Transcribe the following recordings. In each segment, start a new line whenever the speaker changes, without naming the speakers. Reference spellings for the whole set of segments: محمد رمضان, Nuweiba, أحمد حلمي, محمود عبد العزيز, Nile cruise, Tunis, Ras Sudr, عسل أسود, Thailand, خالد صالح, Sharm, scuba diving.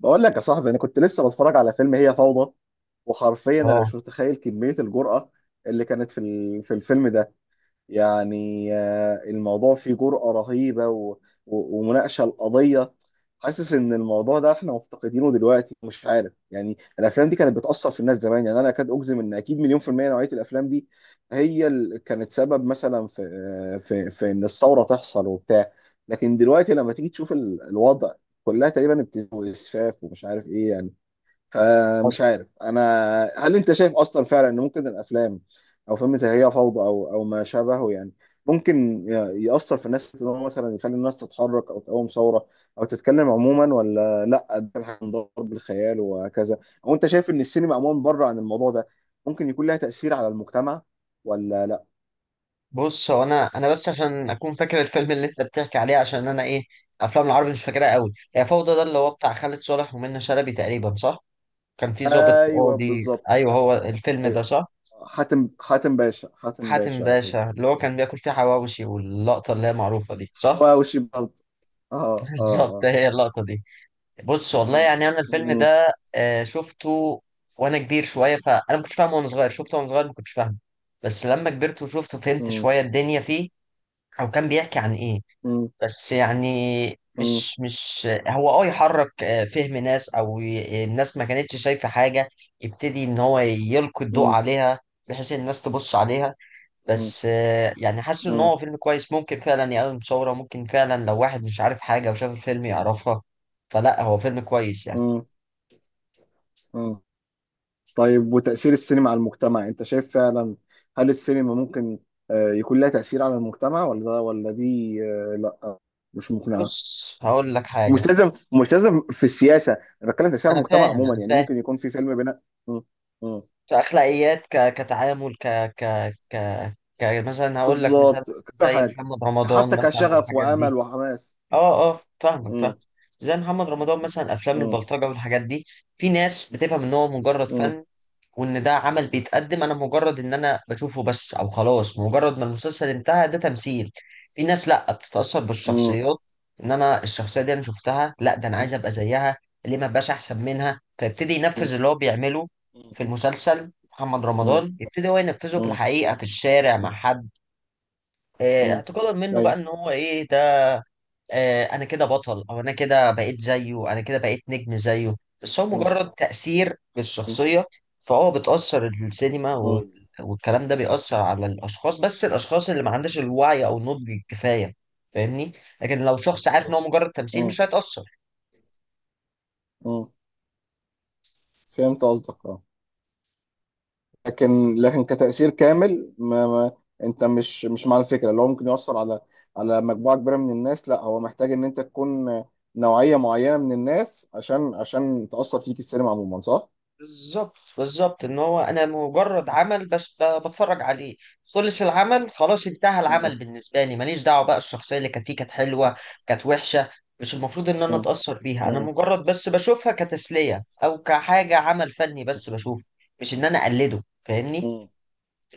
بقول لك يا صاحبي، انا كنت لسه بتفرج على فيلم هي فوضى. وحرفيا انا
اه،
مش متخيل كمية الجرأة اللي كانت في الفيلم ده. يعني الموضوع فيه جرأة رهيبة و... و... ومناقشة القضية. حاسس ان الموضوع ده احنا مفتقدينه دلوقتي. مش عارف، يعني الافلام دي كانت بتأثر في الناس زمان. يعني انا اكاد اجزم ان اكيد مليون في المية نوعية الافلام دي هي اللي كانت سبب مثلا في في ان الثورة تحصل وبتاع. لكن دلوقتي لما تيجي تشوف الوضع، كلها تقريبا ابتزاز واسفاف ومش عارف ايه يعني. فمش
حصل.
عارف انا، هل انت شايف اصلا فعلا ان ممكن الافلام او فيلم زي هي فوضى او ما شابهه يعني، ممكن يأثر في الناس ان هو مثلا يخلي الناس تتحرك او تقوم ثوره او تتكلم عموما، ولا لا، ده هنضرب بالخيال وهكذا؟ او انت شايف ان السينما عموما بره عن الموضوع ده ممكن يكون لها تأثير على المجتمع ولا لا؟
بص، هو انا بس عشان اكون فاكر الفيلم اللي انت بتحكي عليه عشان انا ايه؟ افلام العربي مش فاكرها قوي. هي فوضى ده اللي هو بتاع خالد صالح ومنى شلبي تقريبا، صح؟ كان في ضابط
ايوه
قاضي،
بالظبط.
ايوه، هو الفيلم ده
أيوة.
صح.
حاتم، حاتم باشا، حاتم
حاتم
باشا. أيوة.
باشا اللي هو كان بياكل فيه حواوشي واللقطه اللي هي معروفه دي، صح.
حواوشي برضه. اه، اه.
بالظبط،
اه.
هي اللقطه دي. بص، والله يعني انا الفيلم
مم.
ده شفته وانا كبير شويه، فانا ما كنتش فاهمه وانا صغير، شفته وانا صغير ما كنتش فاهمه. بس لما كبرت وشفته فهمت
مم.
شويه الدنيا فيه، او كان بيحكي عن ايه.
مم.
بس يعني
مم.
مش هو اه يحرك، فهم ناس، او الناس ما كانتش شايفة حاجة. يبتدي ان هو يلقي الضوء
مم.
عليها بحيث إن الناس تبص عليها.
مم.
بس يعني حاسس ان هو
مم.
فيلم كويس، ممكن فعلا يقوم ثورة، ممكن فعلا لو واحد مش عارف حاجة وشاف الفيلم يعرفها. فلا، هو فيلم كويس يعني.
مم. مم. طيب، وتأثير السينما على المجتمع، انت شايف فعلا هل السينما ممكن يكون لها تأثير على المجتمع ولا دي لا مش مقنعة؟
بص، هقول لك حاجة.
ومش لازم مش لازم في السياسة، انا بتكلم تأثير على
انا
المجتمع
فاهم،
عموما
انا
يعني،
فاهم.
ممكن يكون في فيلم بناء. مم. مم.
كأخلاقيات، كتعامل، ك... ك... مثلا هقول لك مثال.
بالظبط، كل
زي
حاجة.
محمد رمضان
حتى
مثلا
كشغف
والحاجات دي.
وأمل وحماس.
اه، اه، فاهمك،
مم.
فاهم. زي محمد رمضان مثلا، افلام
مم.
البلطجه والحاجات دي. في ناس بتفهم ان هو مجرد
مم.
فن، وان ده عمل بيتقدم، انا مجرد ان انا بشوفه بس، او خلاص مجرد ما المسلسل انتهى، ده تمثيل. في ناس لا، بتتاثر
مم.
بالشخصيات. ان انا الشخصيه دي انا شفتها، لا، ده انا عايز ابقى زيها. ليه ما ابقاش احسن منها؟ فيبتدي ينفذ
مم.
اللي هو بيعمله
مم.
في المسلسل محمد رمضان، يبتدي هو ينفذه في
مم.
الحقيقه في الشارع مع
مم.
حد،
مم.
اعتقادا منه بقى ان هو ايه ده، انا كده بطل، او انا كده بقيت زيه، انا كده بقيت نجم زيه. بس هو
ايوه.
مجرد تأثير بالشخصية. فهو بتأثر السينما والكلام ده بيأثر على الأشخاص، بس الأشخاص اللي ما عندهاش الوعي أو النضج الكفاية. فاهمني؟ لكن لو شخص عارف إن هو مجرد تمثيل
مم.
مش هيتأثر.
مم. فهمت قصدك، اه. لكن كتأثير كامل، ما ما انت مش مع الفكره اللي هو ممكن يؤثر على مجموعه كبيره من الناس. لا، هو محتاج ان انت تكون نوعيه معينه من الناس عشان تأثر فيك السينما عموما، صح؟
بالظبط، بالظبط. ان هو انا مجرد عمل بس بتفرج عليه. خلص العمل، خلاص انتهى
مم.
العمل بالنسبه لي، ماليش دعوه بقى الشخصيه اللي كانت فيه كانت حلوه،
مم.
كانت وحشه. مش المفروض ان انا
مم.
اتاثر بيها. انا
مم.
مجرد بس بشوفها كتسليه، او كحاجه عمل فني بس بشوفه، مش ان انا اقلده. فاهمني؟
مم.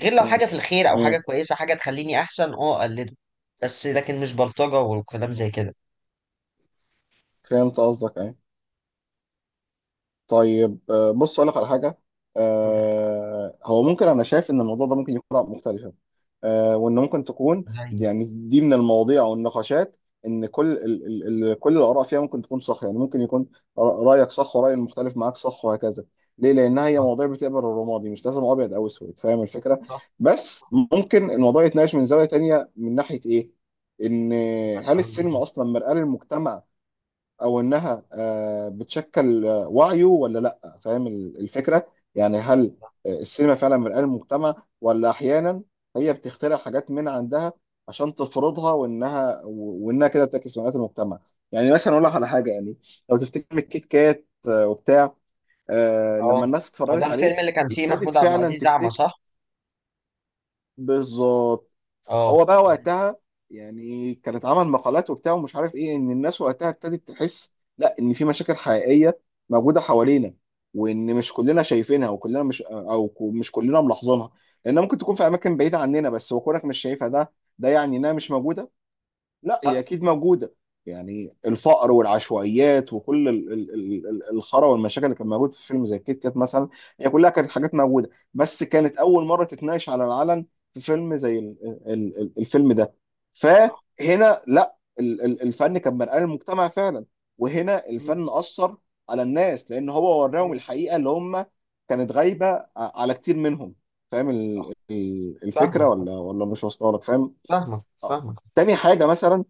غير لو حاجه في الخير، او حاجه
مم.
كويسه، حاجه تخليني احسن، اه، اقلده. بس لكن مش بلطجه وكلام
مم.
زي كده.
فهمت قصدك، ايه. طيب بص اقول لك على حاجه.
قول لي.
هو ممكن، انا شايف ان الموضوع ده ممكن يكون مختلفه، وان ممكن تكون،
زي.
يعني دي من المواضيع او النقاشات، ان كل ال ال ال كل الاراء فيها ممكن تكون صح، يعني ممكن يكون رايك صح وراي المختلف معاك صح وهكذا، ليه؟ لانها هي
صح،
مواضيع بتقبل الرمادي، مش لازم ابيض او اسود، فاهم الفكره؟
صح.
بس ممكن الموضوع يتناقش من زاويه تانية، من ناحيه ايه، ان هل
مثلا ايه؟
السينما اصلا مرآة للمجتمع، او انها بتشكل وعيه ولا لا؟ فاهم الفكره؟ يعني هل السينما فعلا مرآة المجتمع، ولا احيانا هي بتخترع حاجات من عندها عشان تفرضها، وانها كده بتعكس مرآة المجتمع؟ يعني مثلا اقول لك على حاجه، يعني لو تفتكر الكيت كات وبتاع، لما
اه.
الناس
هو ده
اتفرجت عليه
الفيلم اللي كان فيه
ابتدت
محمود عبد
فعلا
العزيز أعمى،
تفتكر،
صح؟
بالظبط.
اه.
هو بقى وقتها يعني، كان اتعمل مقالات وبتاع ومش عارف ايه، ان الناس وقتها ابتدت تحس، لا، ان في مشاكل حقيقيه موجوده حوالينا، وان مش كلنا شايفينها، وكلنا مش مش كلنا ملاحظينها، لانها ممكن تكون في اماكن بعيده عننا. بس وكونك مش شايفها، ده يعني انها مش موجوده، لا
لا.
هي اكيد موجوده. يعني الفقر والعشوائيات وكل الخرا والمشاكل اللي كانت موجوده في فيلم زي كيت كات مثلا، هي كلها كانت
مم.
حاجات موجوده، بس كانت اول مره تتناقش على العلن في فيلم زي ال- الفيلم ده.
صح.
فهنا لا، الفن كان مرآة للمجتمع فعلا. وهنا
مم.
الفن اثر على الناس، لان هو وراهم
مم.
الحقيقه اللي هم كانت غايبه على كتير منهم. فاهم
صح.
الفكره
فاهمك،
ولا مش واصله لك، فاهم؟
فاهمك،
آه.
فاهمك.
تاني حاجه مثلا،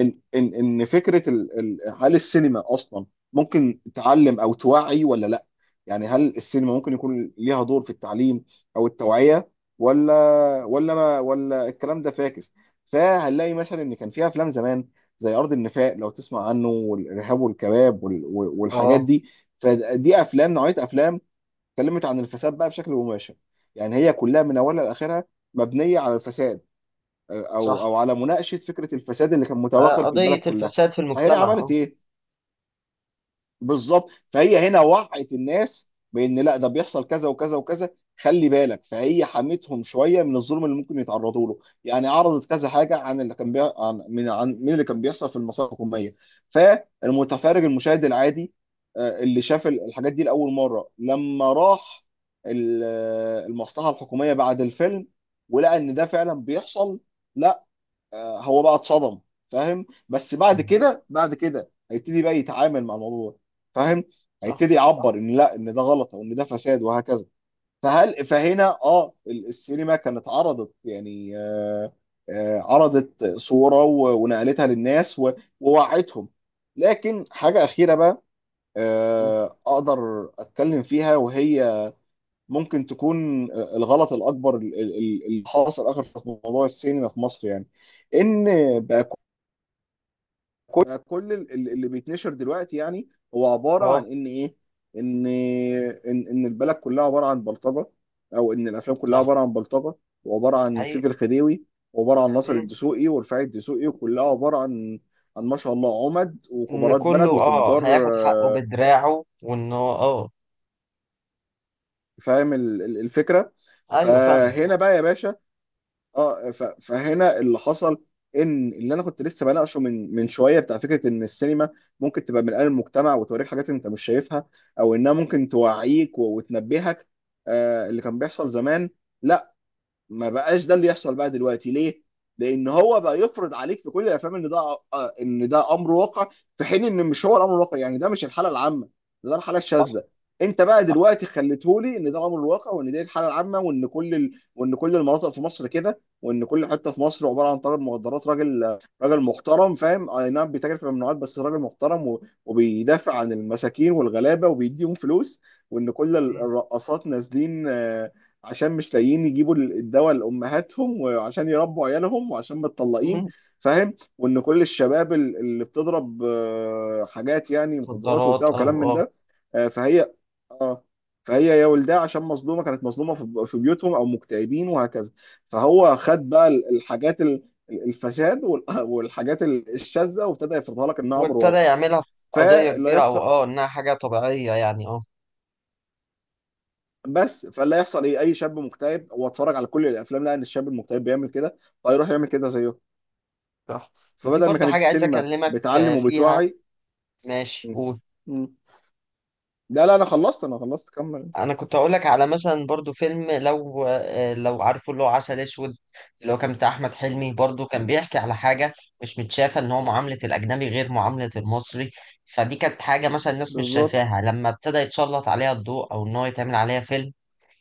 ان فكره هل السينما اصلا ممكن تعلم او توعي ولا لا؟ يعني هل السينما ممكن يكون ليها دور في التعليم او التوعيه، ولا ولا ما ولا الكلام ده فاكس؟ فهنلاقي مثلا ان كان فيها افلام زمان زي ارض النفاق لو تسمع عنه، والارهاب والكباب والحاجات
اه.
دي. فدي افلام، نوعيه افلام اتكلمت عن الفساد بقى بشكل مباشر، يعني هي كلها من اولها لاخرها مبنيه على الفساد، او
صح.
او على مناقشه فكره الفساد اللي كان متوغل في البلد
قضية
كلها.
الفساد في
فهنا
المجتمع،
عملت
اه.
ايه؟ بالظبط، فهي هنا وعت الناس بان لا، ده بيحصل كذا وكذا وكذا. خلي بالك، فهي حمتهم شويه من الظلم اللي ممكن يتعرضوا له، يعني عرضت كذا حاجه عن اللي كان عن من اللي كان بيحصل في المصالح الحكوميه. فالمتفرج المشاهد العادي، اللي شاف الحاجات دي لاول مره، لما راح ال- المصلحه الحكوميه بعد الفيلم، ولقى ان ده فعلا بيحصل، لا هو بقى اتصدم. فاهم؟ بس بعد
بالظبط.
كده، بعد كده هيبتدي بقى يتعامل مع الموضوع ده، فاهم؟
صح،
هيبتدي
صح.
يعبر ان لا، ان ده غلط او ان ده فساد وهكذا. فهنا السينما كانت عرضت يعني، عرضت صورة ونقلتها للناس ووعتهم. لكن حاجة أخيرة بقى
مم.
أقدر أتكلم فيها، وهي ممكن تكون الغلط الأكبر اللي حاصل آخر في موضوع السينما في مصر يعني، إن
مم.
بقى كل اللي بيتنشر دلوقتي يعني، هو عباره
اه.
عن ان ايه؟ ان البلد كلها عباره عن بلطجه، او ان الافلام كلها
صح.
عباره عن بلطجه، وعباره عن
حقيقي.
سيف الخديوي، وعباره عن ناصر
مم.
الدسوقي ورفاعي الدسوقي، وكلها عباره عن ما شاء الله عمد
ان
وكبارات
كله
بلد
اه
وتجار،
هياخد حقه بدراعه وان هو اه.
فاهم الفكره؟
ايوه، فاهم.
فهنا بقى يا باشا، فهنا اللي حصل، ان اللي انا كنت لسه بناقشه من شويه بتاع، فكره ان السينما ممكن تبقى من قلب المجتمع وتوريك حاجات انت مش شايفها، او انها ممكن توعيك وتنبهك، اللي كان بيحصل زمان. لا، ما بقاش ده اللي يحصل بقى دلوقتي، ليه؟ لان هو بقى يفرض عليك في كل الافلام ان ده امر واقع، في حين ان مش هو الامر الواقع، يعني ده مش الحاله العامه، ده الحاله
صح،
الشاذه. انت بقى
صح.
دلوقتي خليتهولي ان ده امر الواقع، وان دي الحاله العامه، وان كل المناطق في مصر كده، وان كل حته في مصر عباره عن تاجر مخدرات، راجل راجل محترم، فاهم، اي نعم بيتاجر في الممنوعات بس راجل محترم، وبيدافع عن المساكين والغلابه وبيديهم فلوس. وان كل
مم.
الرقاصات نازلين عشان مش لاقيين يجيبوا الدواء لامهاتهم، وعشان يربوا عيالهم، وعشان متطلقين،
مم.
فاهم. وان كل الشباب اللي بتضرب حاجات يعني، مخدرات
مخدرات،
وبتاع
او
وكلام من
اه.
ده، فهي، اه فهي يا ولدها عشان مظلومه، كانت مظلومه في بيوتهم، او مكتئبين وهكذا. فهو خد بقى الحاجات الفساد والحاجات الشاذه، وابتدى يفرضها لك انها امر
وابتدى
واقع.
يعملها في قضية
فاللي
كبيرة، او
هيحصل
اه انها حاجة طبيعية يعني، اه.
بس، فلا يحصل ايه؟ اي شاب مكتئب هو اتفرج على كل الافلام، لقى ان الشاب المكتئب بيعمل كده، فيروح يعمل كده زيه.
صح. كان في
فبدل ما
برضه
كانت
حاجة عايز
السينما
أكلمك
بتعلم
فيها.
وبتوعي.
ماشي،
م.
قول.
م. لا لا، انا خلصت، انا خلصت، كمل.
أنا كنت أقول لك على مثلا برضه فيلم، لو عارفه، اللي هو عسل أسود. اللي هو كان بتاع أحمد حلمي، برضه كان بيحكي على حاجة مش متشافة. إن هو معاملة الأجنبي غير معاملة المصري. فدي كانت حاجة مثلا الناس مش
بالظبط.
شايفاها، لما ابتدى يتسلط عليها الضوء أو إن هو يتعمل عليها فيلم،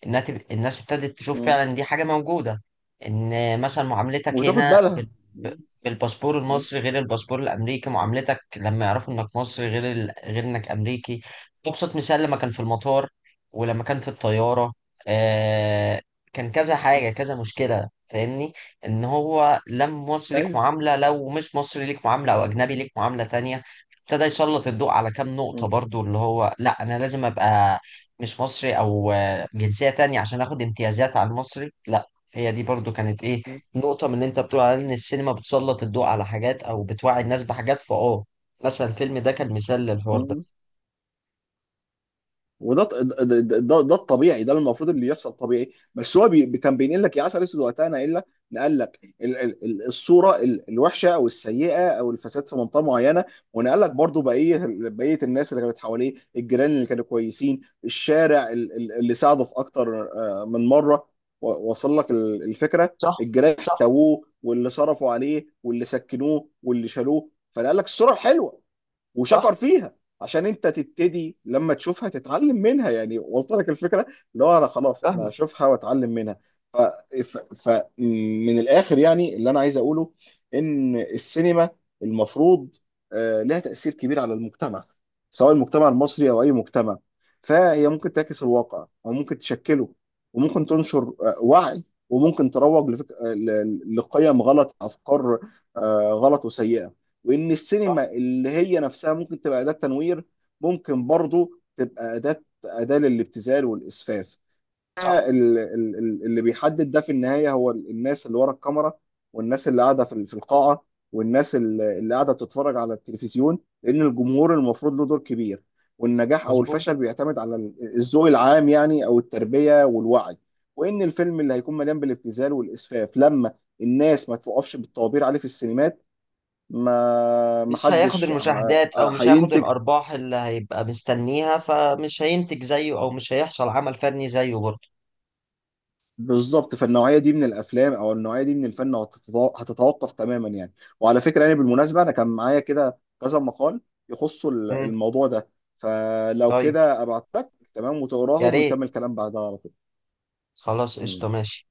الناس ابتدت تشوف
م.
فعلا دي حاجة موجودة. ان مثلا معاملتك
وتاخد
هنا
بالها.
ب-
م.
بالباسبور
م.
المصري غير الباسبور الامريكي، معاملتك لما يعرفوا انك مصري غير غير انك امريكي. ابسط مثال، لما كان في المطار ولما كان في الطيارة، آه... كان كذا حاجة، كذا مشكلة. فاهمني؟ ان هو لما مصري ليك
ايوه.
معاملة، لو مش مصري ليك معاملة، او اجنبي ليك معاملة تانية. ابتدى يسلط الضوء على كام نقطة
م.
برضو اللي هو لا، انا لازم ابقى مش مصري، او جنسية تانية، عشان اخد امتيازات على المصري، لا. هي دي برضو كانت ايه، نقطة من اللي انت بتقول على ان السينما بتسلط الضوء على حاجات او بتوعي الناس بحاجات، مثلا الفيلم ده كان مثال للحوار ده.
م. وده ده الطبيعي، ده المفروض اللي يحصل طبيعي، بس هو كان بينقل لك، يا عسل اسود وقتها، ناقل لك، نقل لك الصوره الوحشه، او السيئه، او الفساد في منطقه معينه، ونقل لك برضو بقيه الناس اللي كانت حواليه، الجيران اللي كانوا كويسين، الشارع اللي ساعده في اكتر من مره، وصل لك الفكره،
صح،
الجيران
صح.
احتووه، واللي صرفوا عليه، واللي سكنوه، واللي شالوه، فنقل لك الصوره الحلوه
صح.
وشكر فيها، عشان انت تبتدي لما تشوفها تتعلم منها، يعني وصلت لك الفكره، اللي هو انا خلاص، انا
فاهمك.
هشوفها واتعلم منها. ف... ف... ف من الاخر يعني، اللي انا عايز اقوله ان السينما المفروض لها تاثير كبير على المجتمع، سواء المجتمع المصري او اي مجتمع. فهي ممكن تعكس الواقع او ممكن تشكله، وممكن تنشر وعي، وممكن تروج لفك... آه، ل- ل- لقيم غلط، افكار غلط وسيئه. وان
صح،
السينما اللي هي نفسها ممكن تبقى اداة تنوير، ممكن برضو تبقى اداة للابتذال والاسفاف.
صح.
اللي بيحدد ده في النهاية هو الناس اللي ورا الكاميرا، والناس اللي قاعدة في القاعة، والناس اللي قاعدة بتتفرج على التلفزيون، لان الجمهور المفروض له دور كبير، والنجاح او
مظبوط.
الفشل بيعتمد على الذوق العام يعني، او التربية والوعي. وان الفيلم اللي هيكون مليان بالابتذال والاسفاف، لما الناس ما توقفش بالطوابير عليه في السينمات، ما ما
مش هياخد
حدش
المشاهدات او مش هياخد
هينتج
الارباح اللي هيبقى مستنيها، فمش هينتج زيه او مش هيحصل عمل فني زيه برضه.
بالظبط في النوعيه دي من الافلام، او النوعيه دي من الفن، هتتوقف تماما يعني. وعلى فكره يعني بالمناسبه، انا كان معايا كده كذا مقال يخصوا
مم.
الموضوع ده، فلو
طيب،
كده ابعت لك، تمام،
يا
وتقراهم،
ريت.
ونكمل كلام بعدها على طول.
خلاص قشطة،
ماشي.
ماشي.